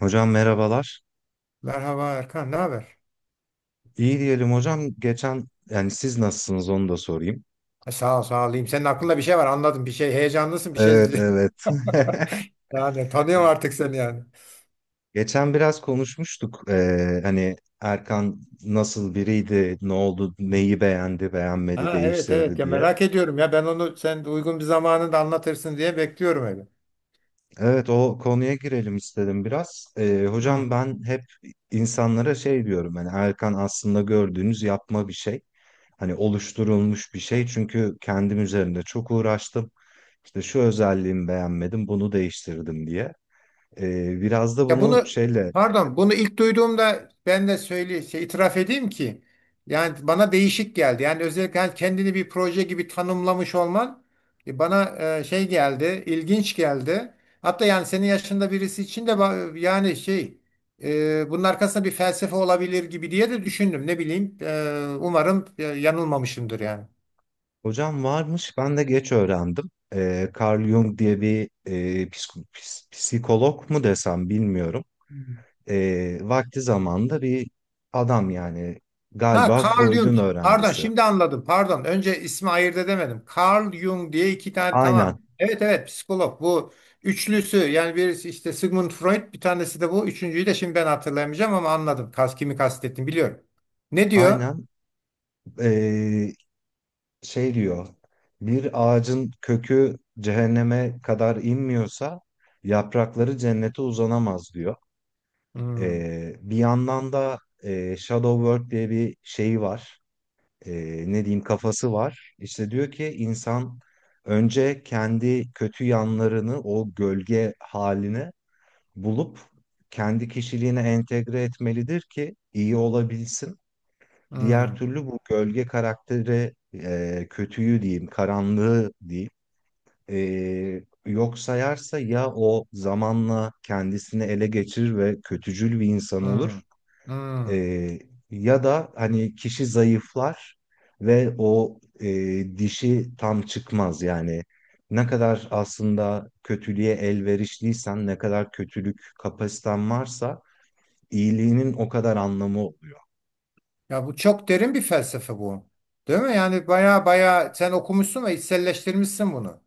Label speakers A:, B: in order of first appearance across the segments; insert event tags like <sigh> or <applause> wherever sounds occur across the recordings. A: Hocam merhabalar.
B: Merhaba Erkan, ne haber?
A: İyi diyelim hocam. Geçen yani siz nasılsınız onu da sorayım.
B: Sağ ol, sağ olayım. Senin aklında bir şey var, anladım. Bir şey heyecanlısın, bir şey.
A: Evet,
B: <laughs>
A: evet.
B: Yani tanıyorum
A: <laughs>
B: artık seni yani.
A: Geçen biraz konuşmuştuk. Hani Erkan nasıl biriydi, ne oldu,
B: Hı.
A: neyi beğendi, beğenmedi,
B: Ha, evet, evet,
A: değiştirdi
B: ya
A: diye.
B: merak ediyorum ya, ben onu sen uygun bir zamanında anlatırsın diye bekliyorum öyle.
A: Evet, o konuya girelim istedim biraz. Hocam
B: Hı.
A: ben hep insanlara şey diyorum, hani Erkan aslında gördüğünüz yapma bir şey. Hani oluşturulmuş bir şey, çünkü kendim üzerinde çok uğraştım. İşte şu özelliğimi beğenmedim bunu değiştirdim diye. Biraz da
B: Ya
A: bunu
B: bunu
A: şeyle
B: Pardon, bunu ilk duyduğumda ben de söyle şey, itiraf edeyim ki yani bana değişik geldi. Yani özellikle hani kendini bir proje gibi tanımlamış olman bana şey geldi, ilginç geldi. Hatta yani senin yaşında birisi için de yani şey, bunun arkasında bir felsefe olabilir gibi diye de düşündüm. Ne bileyim, umarım yanılmamışımdır yani.
A: hocam varmış, ben de geç öğrendim. Carl Jung diye bir psikolog mu desem bilmiyorum. Vakti zamanda bir adam yani,
B: Ha,
A: galiba
B: Carl Jung.
A: Freud'un
B: Pardon,
A: öğrencisi.
B: şimdi anladım. Pardon. Önce ismi ayırt edemedim. Carl Jung diye iki tane, tamam.
A: Aynen,
B: Evet, evet, psikolog bu üçlüsü, yani birisi işte Sigmund Freud, bir tanesi de bu. Üçüncüyü de şimdi ben hatırlayamayacağım ama anladım. Kas, kimi kastettim biliyorum. Ne diyor?
A: aynen. E, Şey diyor, bir ağacın kökü cehenneme kadar inmiyorsa yaprakları cennete uzanamaz diyor.
B: Hmm.
A: Bir yandan da Shadow Work diye bir şeyi var. E, Ne diyeyim, kafası var. İşte diyor ki, insan önce kendi kötü yanlarını, o gölge halini bulup kendi kişiliğine entegre etmelidir ki iyi olabilsin.
B: Hmm.
A: Diğer türlü bu gölge karakteri, kötüyü diyeyim, karanlığı diyeyim, yok sayarsa ya, o zamanla kendisini ele geçirir ve kötücül bir insan
B: Hmm.
A: olur. E,
B: Hmm.
A: Ya da hani kişi zayıflar ve o dişi tam çıkmaz yani. Ne kadar aslında kötülüğe elverişliysen, ne kadar kötülük kapasiten varsa İyiliğinin o kadar anlamı oluyor.
B: Ya bu çok derin bir felsefe bu. Değil mi? Yani baya baya sen okumuşsun ve içselleştirmişsin bunu.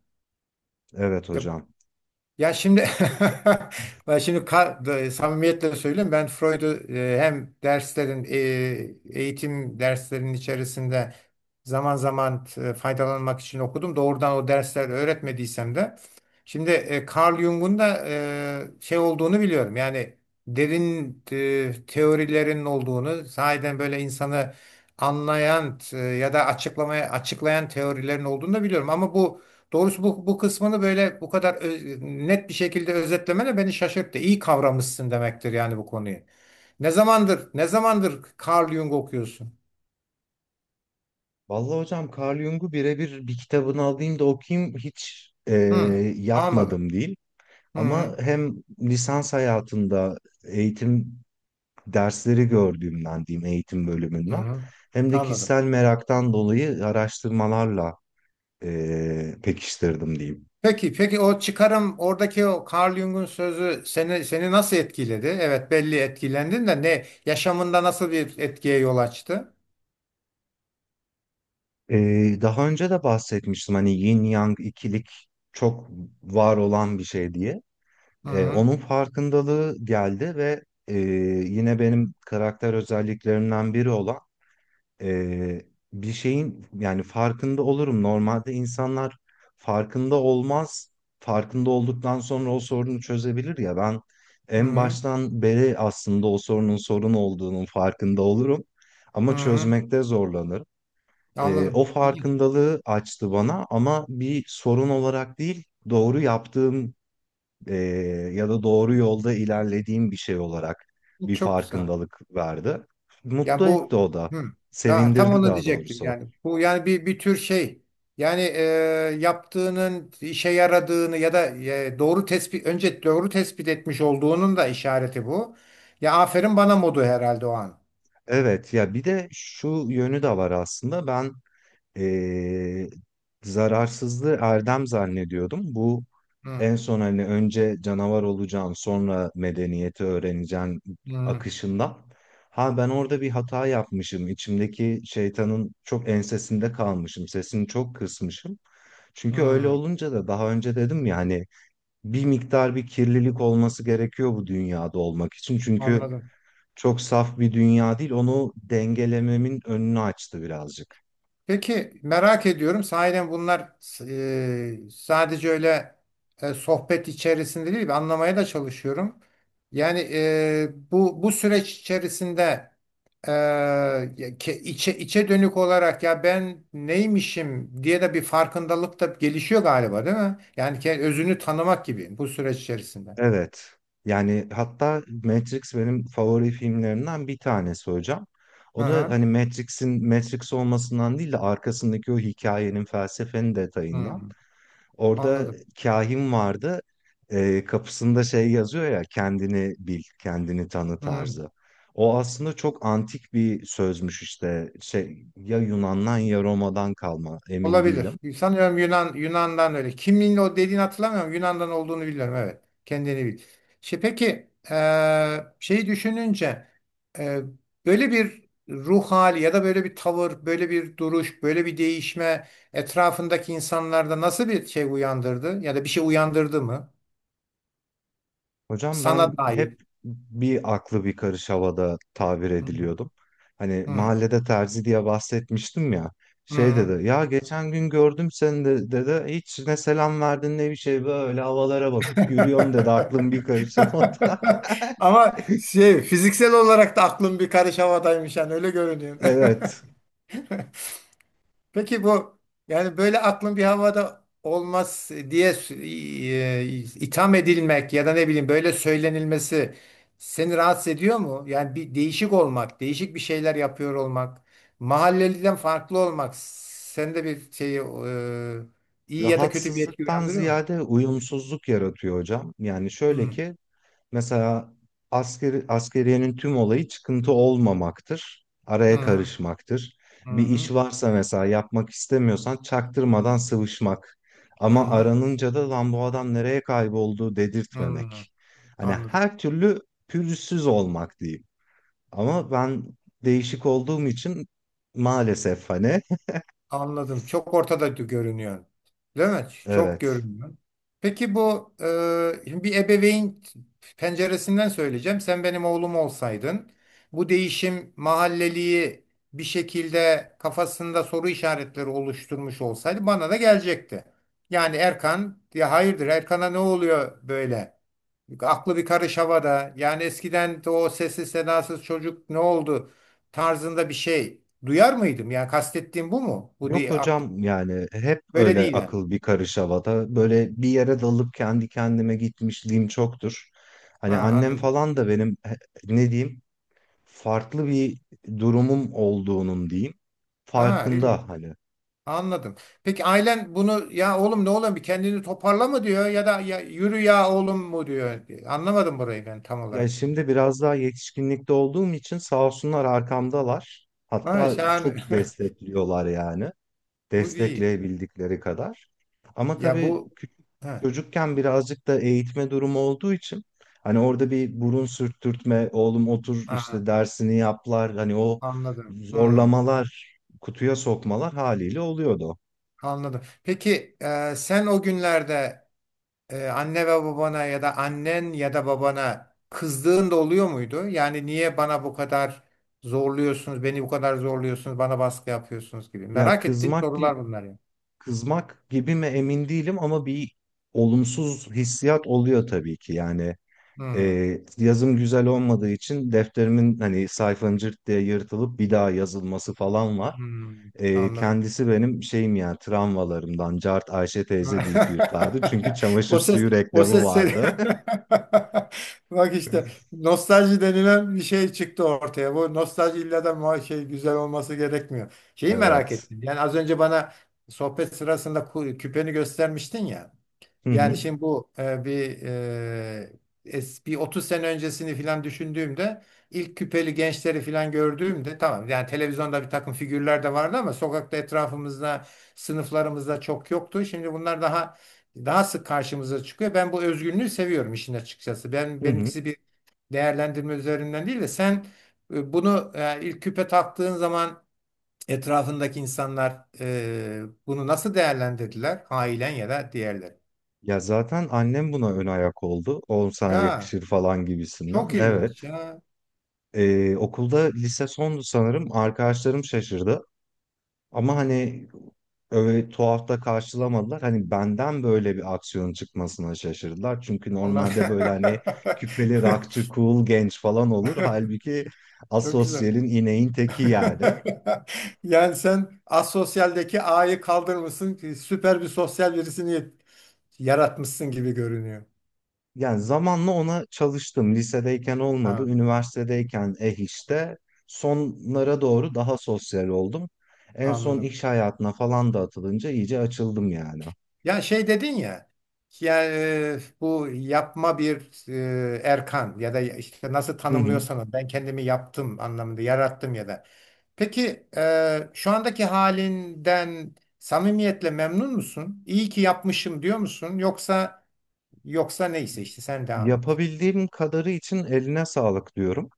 A: Evet
B: Ya
A: hocam.
B: Şimdi <laughs> ben şimdi samimiyetle söyleyeyim, ben Freud'u, hem derslerin eğitim derslerinin içerisinde zaman zaman faydalanmak için okudum. Doğrudan o dersler öğretmediysem de şimdi Carl Jung'un da şey olduğunu biliyorum. Yani derin teorilerin olduğunu, sahiden böyle insanı anlayan, ya da açıklayan teorilerin olduğunu da biliyorum ama doğrusu bu kısmını böyle bu kadar net bir şekilde özetlemene beni şaşırttı. İyi kavramışsın demektir yani bu konuyu. Ne zamandır Carl Jung okuyorsun?
A: Vallahi hocam, Carl Jung'u birebir bir kitabını alayım da okuyayım hiç
B: Hı, anladım.
A: yapmadım değil.
B: Hı.
A: Ama hem lisans hayatında eğitim dersleri gördüğümden diyeyim, eğitim bölümünden,
B: Hı,
A: hem de
B: anladım.
A: kişisel meraktan dolayı araştırmalarla pekiştirdim diyeyim.
B: Peki, peki o çıkarım, oradaki o Carl Jung'un sözü seni nasıl etkiledi? Evet, belli etkilendin de ne yaşamında nasıl bir etkiye yol açtı?
A: E, Daha önce de bahsetmiştim hani yin yang ikilik çok var olan bir şey diye.
B: Hı.
A: Onun farkındalığı geldi ve e, yine benim karakter özelliklerimden biri olan, e, bir şeyin yani farkında olurum. Normalde insanlar farkında olmaz. Farkında olduktan sonra o sorunu çözebilir, ya ben en
B: Hı.
A: baştan beri aslında o sorunun sorun olduğunun farkında olurum. Ama
B: Hı,
A: çözmekte zorlanırım. O
B: anladım. İyi.
A: farkındalığı açtı bana, ama bir sorun olarak değil, doğru yaptığım e, ya da doğru yolda ilerlediğim bir şey olarak bir
B: Çok güzel.
A: farkındalık verdi.
B: Ya
A: Mutlu etti
B: bu
A: o da.
B: hı, ya tam
A: Sevindirdi
B: onu
A: daha
B: diyecektim
A: doğrusu.
B: yani. Bu yani bir tür şey. Yani, yaptığının işe yaradığını ya da, doğru tespit önce doğru tespit etmiş olduğunun da işareti bu. Ya aferin bana modu herhalde o an.
A: Evet, ya bir de şu yönü de var aslında. Ben e, zararsızlığı erdem zannediyordum. Bu
B: Hı.
A: en son hani önce canavar olacaksın sonra medeniyeti öğreneceksin
B: Hı.
A: akışında. Ha, ben orada bir hata yapmışım. İçimdeki şeytanın çok ensesinde kalmışım. Sesini çok kısmışım. Çünkü öyle
B: Hı.
A: olunca da, daha önce dedim ya hani, bir miktar bir kirlilik olması gerekiyor bu dünyada olmak için. Çünkü
B: Anladım.
A: çok saf bir dünya değil. Onu dengelememin önünü açtı birazcık.
B: Peki, merak ediyorum sahiden bunlar, sadece öyle sohbet içerisinde değil, ben anlamaya da çalışıyorum. Yani, bu süreç içerisinde ya içe dönük olarak, ya ben neymişim diye de bir farkındalık da gelişiyor galiba, değil mi? Yani özünü tanımak gibi bu süreç içerisinde.
A: Evet. Yani hatta Matrix benim favori filmlerimden bir tanesi hocam.
B: Hı
A: O da
B: hı.
A: hani Matrix'in Matrix olmasından değil de arkasındaki o hikayenin, felsefenin
B: Hı.
A: detayından. Orada
B: Anladım.
A: kahin vardı. Kapısında şey yazıyor ya, kendini bil, kendini tanı
B: Hı.
A: tarzı. O aslında çok antik bir sözmüş işte. Şey, ya Yunan'dan ya Roma'dan kalma, emin
B: Olabilir.
A: değilim.
B: Sanıyorum Yunan'dan öyle. Kimliğin o dediğini hatırlamıyorum. Yunan'dan olduğunu biliyorum. Evet. Kendini bil. Şey, peki şeyi düşününce, eee, böyle bir ruh hali ya da böyle bir tavır, böyle bir duruş, böyle bir değişme etrafındaki insanlarda nasıl bir şey uyandırdı ya da bir şey uyandırdı mı?
A: Hocam ben
B: Sana dair.
A: hep bir aklı bir karış havada tabir
B: Hmm.
A: ediliyordum. Hani
B: Hmm.
A: mahallede terzi diye bahsetmiştim ya. Şey
B: Hmm.
A: dedi ya, geçen gün gördüm seni de, dedi, hiç ne selam verdin ne bir şey, böyle havalara bakıp yürüyorsun dedi,
B: <laughs>
A: aklım bir karış havada.
B: Ama
A: <laughs>
B: şey, fiziksel olarak da aklım bir karış havadaymış yani, öyle görünüyor. <laughs>
A: Evet,
B: Peki bu, yani böyle aklın bir havada olmaz diye itham edilmek ya da ne bileyim böyle söylenilmesi seni rahatsız ediyor mu? Yani bir değişik olmak, değişik bir şeyler yapıyor olmak, mahalleliden farklı olmak sende bir şeyi, iyi ya da kötü bir etki
A: rahatsızlıktan
B: uyandırıyor mu?
A: ziyade uyumsuzluk yaratıyor hocam. Yani şöyle
B: Hı
A: ki, mesela askeriyenin tüm olayı çıkıntı olmamaktır. Araya
B: hı
A: karışmaktır.
B: hı
A: Bir iş
B: hı
A: varsa mesela yapmak istemiyorsan çaktırmadan sıvışmak. Ama
B: hı
A: aranınca da lan bu adam nereye kayboldu
B: hı.
A: dedirtmemek. Hani
B: Anladım.
A: her türlü pürüzsüz olmak diyeyim. Ama ben değişik olduğum için maalesef hani
B: Anladım. Çok ortada görünüyor. Değil mi?
A: <laughs>
B: Çok
A: evet.
B: görünüyor. Peki bu, şimdi bir ebeveyn penceresinden söyleyeceğim. Sen benim oğlum olsaydın bu değişim mahalleliği bir şekilde kafasında soru işaretleri oluşturmuş olsaydı bana da gelecekti. Yani Erkan, ya hayırdır, Erkan'a ne oluyor böyle? Aklı bir karış havada. Yani eskiden de o sessiz sedasız çocuk ne oldu tarzında bir şey duyar mıydım? Yani kastettiğim bu mu? Bu
A: Yok
B: değil.
A: hocam,
B: Aklım
A: yani hep
B: böyle
A: öyle
B: değil yani.
A: akıl bir karış havada. Böyle bir yere dalıp kendi kendime gitmişliğim çoktur.
B: Ha,
A: Hani annem
B: anladım.
A: falan da benim ne diyeyim, farklı bir durumum olduğunun diyeyim,
B: Ha, ilginç.
A: farkında hani.
B: Anladım. Peki ailen bunu, ya oğlum ne oğlum bir kendini toparla mı diyor, ya da ya yürü ya oğlum mu diyor. Anlamadım burayı ben tam
A: Ya
B: olarak.
A: şimdi biraz daha yetişkinlikte olduğum için sağ olsunlar arkamdalar.
B: Ha,
A: Hatta
B: şahane.
A: çok destekliyorlar yani.
B: <laughs> Bu iyi.
A: Destekleyebildikleri kadar. Ama
B: Ya
A: tabii
B: bu
A: küçük
B: ha,
A: çocukken birazcık da eğitme durumu olduğu için, hani orada bir burun sürttürtme, oğlum otur
B: aha,
A: işte dersini yaplar, hani o
B: anladım. Hmm,
A: zorlamalar, kutuya sokmalar haliyle oluyordu.
B: anladım. Peki, sen o günlerde anne ve babana ya da annen ya da babana kızdığın da oluyor muydu? Yani niye bana bu kadar zorluyorsunuz, bana baskı yapıyorsunuz gibi.
A: Ya
B: Merak ettiğim sorular bunlar ya.
A: kızmak gibi mi emin değilim, ama bir olumsuz hissiyat oluyor tabii ki. Yani
B: Hmm.
A: yazım güzel olmadığı için defterimin, hani sayfanın, cırt diye yırtılıp bir daha yazılması falan var.
B: Hmm, anladım.
A: Kendisi benim şeyim yani, travmalarımdan Cart Ayşe teyze deyip
B: <laughs>
A: yırtardı. Çünkü çamaşır
B: O ses,
A: suyu
B: o
A: reklamı
B: ses seni...
A: vardı.
B: <laughs> Bak işte,
A: <laughs>
B: nostalji denilen bir şey çıktı ortaya. Bu nostalji illa da şey, güzel olması gerekmiyor. Şeyi merak
A: Evet.
B: ettim. Yani az önce bana sohbet sırasında küpeni göstermiştin ya.
A: Hı
B: Yani
A: hı.
B: şimdi bu, bir 30 sene öncesini filan düşündüğümde ilk küpeli gençleri filan gördüğümde, tamam yani televizyonda bir takım figürler de vardı ama sokakta etrafımızda, sınıflarımızda çok yoktu. Şimdi bunlar daha sık karşımıza çıkıyor. Ben bu özgünlüğü seviyorum işin açıkçası.
A: Hı hı.
B: Benimkisi bir değerlendirme üzerinden değil de sen bunu, ilk küpe taktığın zaman etrafındaki insanlar bunu nasıl değerlendirdiler? Ailen ya da diğerleri.
A: Ya zaten annem buna ön ayak oldu. Oğlum sana
B: Ya,
A: yakışır falan gibisinden.
B: çok
A: Evet.
B: ilginç ya.
A: Okulda lise sondu sanırım. Arkadaşlarım şaşırdı. Ama hani öyle tuhaf da karşılamadılar. Hani benden böyle bir aksiyon çıkmasına şaşırdılar. Çünkü
B: Onlar...
A: normalde böyle hani küpeli rockçı, cool genç falan olur. Halbuki
B: <laughs> Çok güzel.
A: asosyalin ineğin teki yani.
B: <laughs> Yani sen asosyaldeki A'yı kaldırmışsın, süper bir sosyal birisini yaratmışsın gibi görünüyor.
A: Yani zamanla ona çalıştım. Lisedeyken olmadı.
B: Tamam,
A: Üniversitedeyken eh işte. Sonlara doğru daha sosyal oldum. En son
B: anladım.
A: iş hayatına falan da atılınca iyice açıldım yani.
B: Ya şey dedin ya, yani, bu yapma bir Erkan ya da işte nasıl
A: Hı hı.
B: tanımlıyorsan onu, ben kendimi yaptım anlamında, yarattım ya da. Peki, şu andaki halinden samimiyetle memnun musun? İyi ki yapmışım diyor musun? Yoksa neyse işte sen devam et.
A: Yapabildiğim kadarı için eline sağlık diyorum.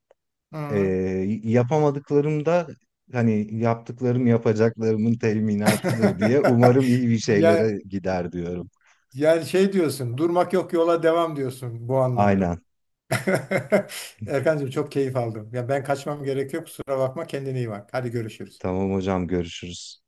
A: Ee,
B: Hı.
A: Yapamadıklarımda hani yaptıklarım yapacaklarımın teminatıdır diye umarım
B: <laughs>
A: iyi bir
B: Ya
A: şeylere gider diyorum.
B: yani şey diyorsun, durmak yok yola devam diyorsun bu anlamda.
A: Aynen.
B: <laughs> Erkancığım, çok keyif aldım. Ya ben kaçmam gerekiyor. Kusura bakma. Kendine iyi bak. Hadi görüşürüz.
A: Tamam hocam, görüşürüz.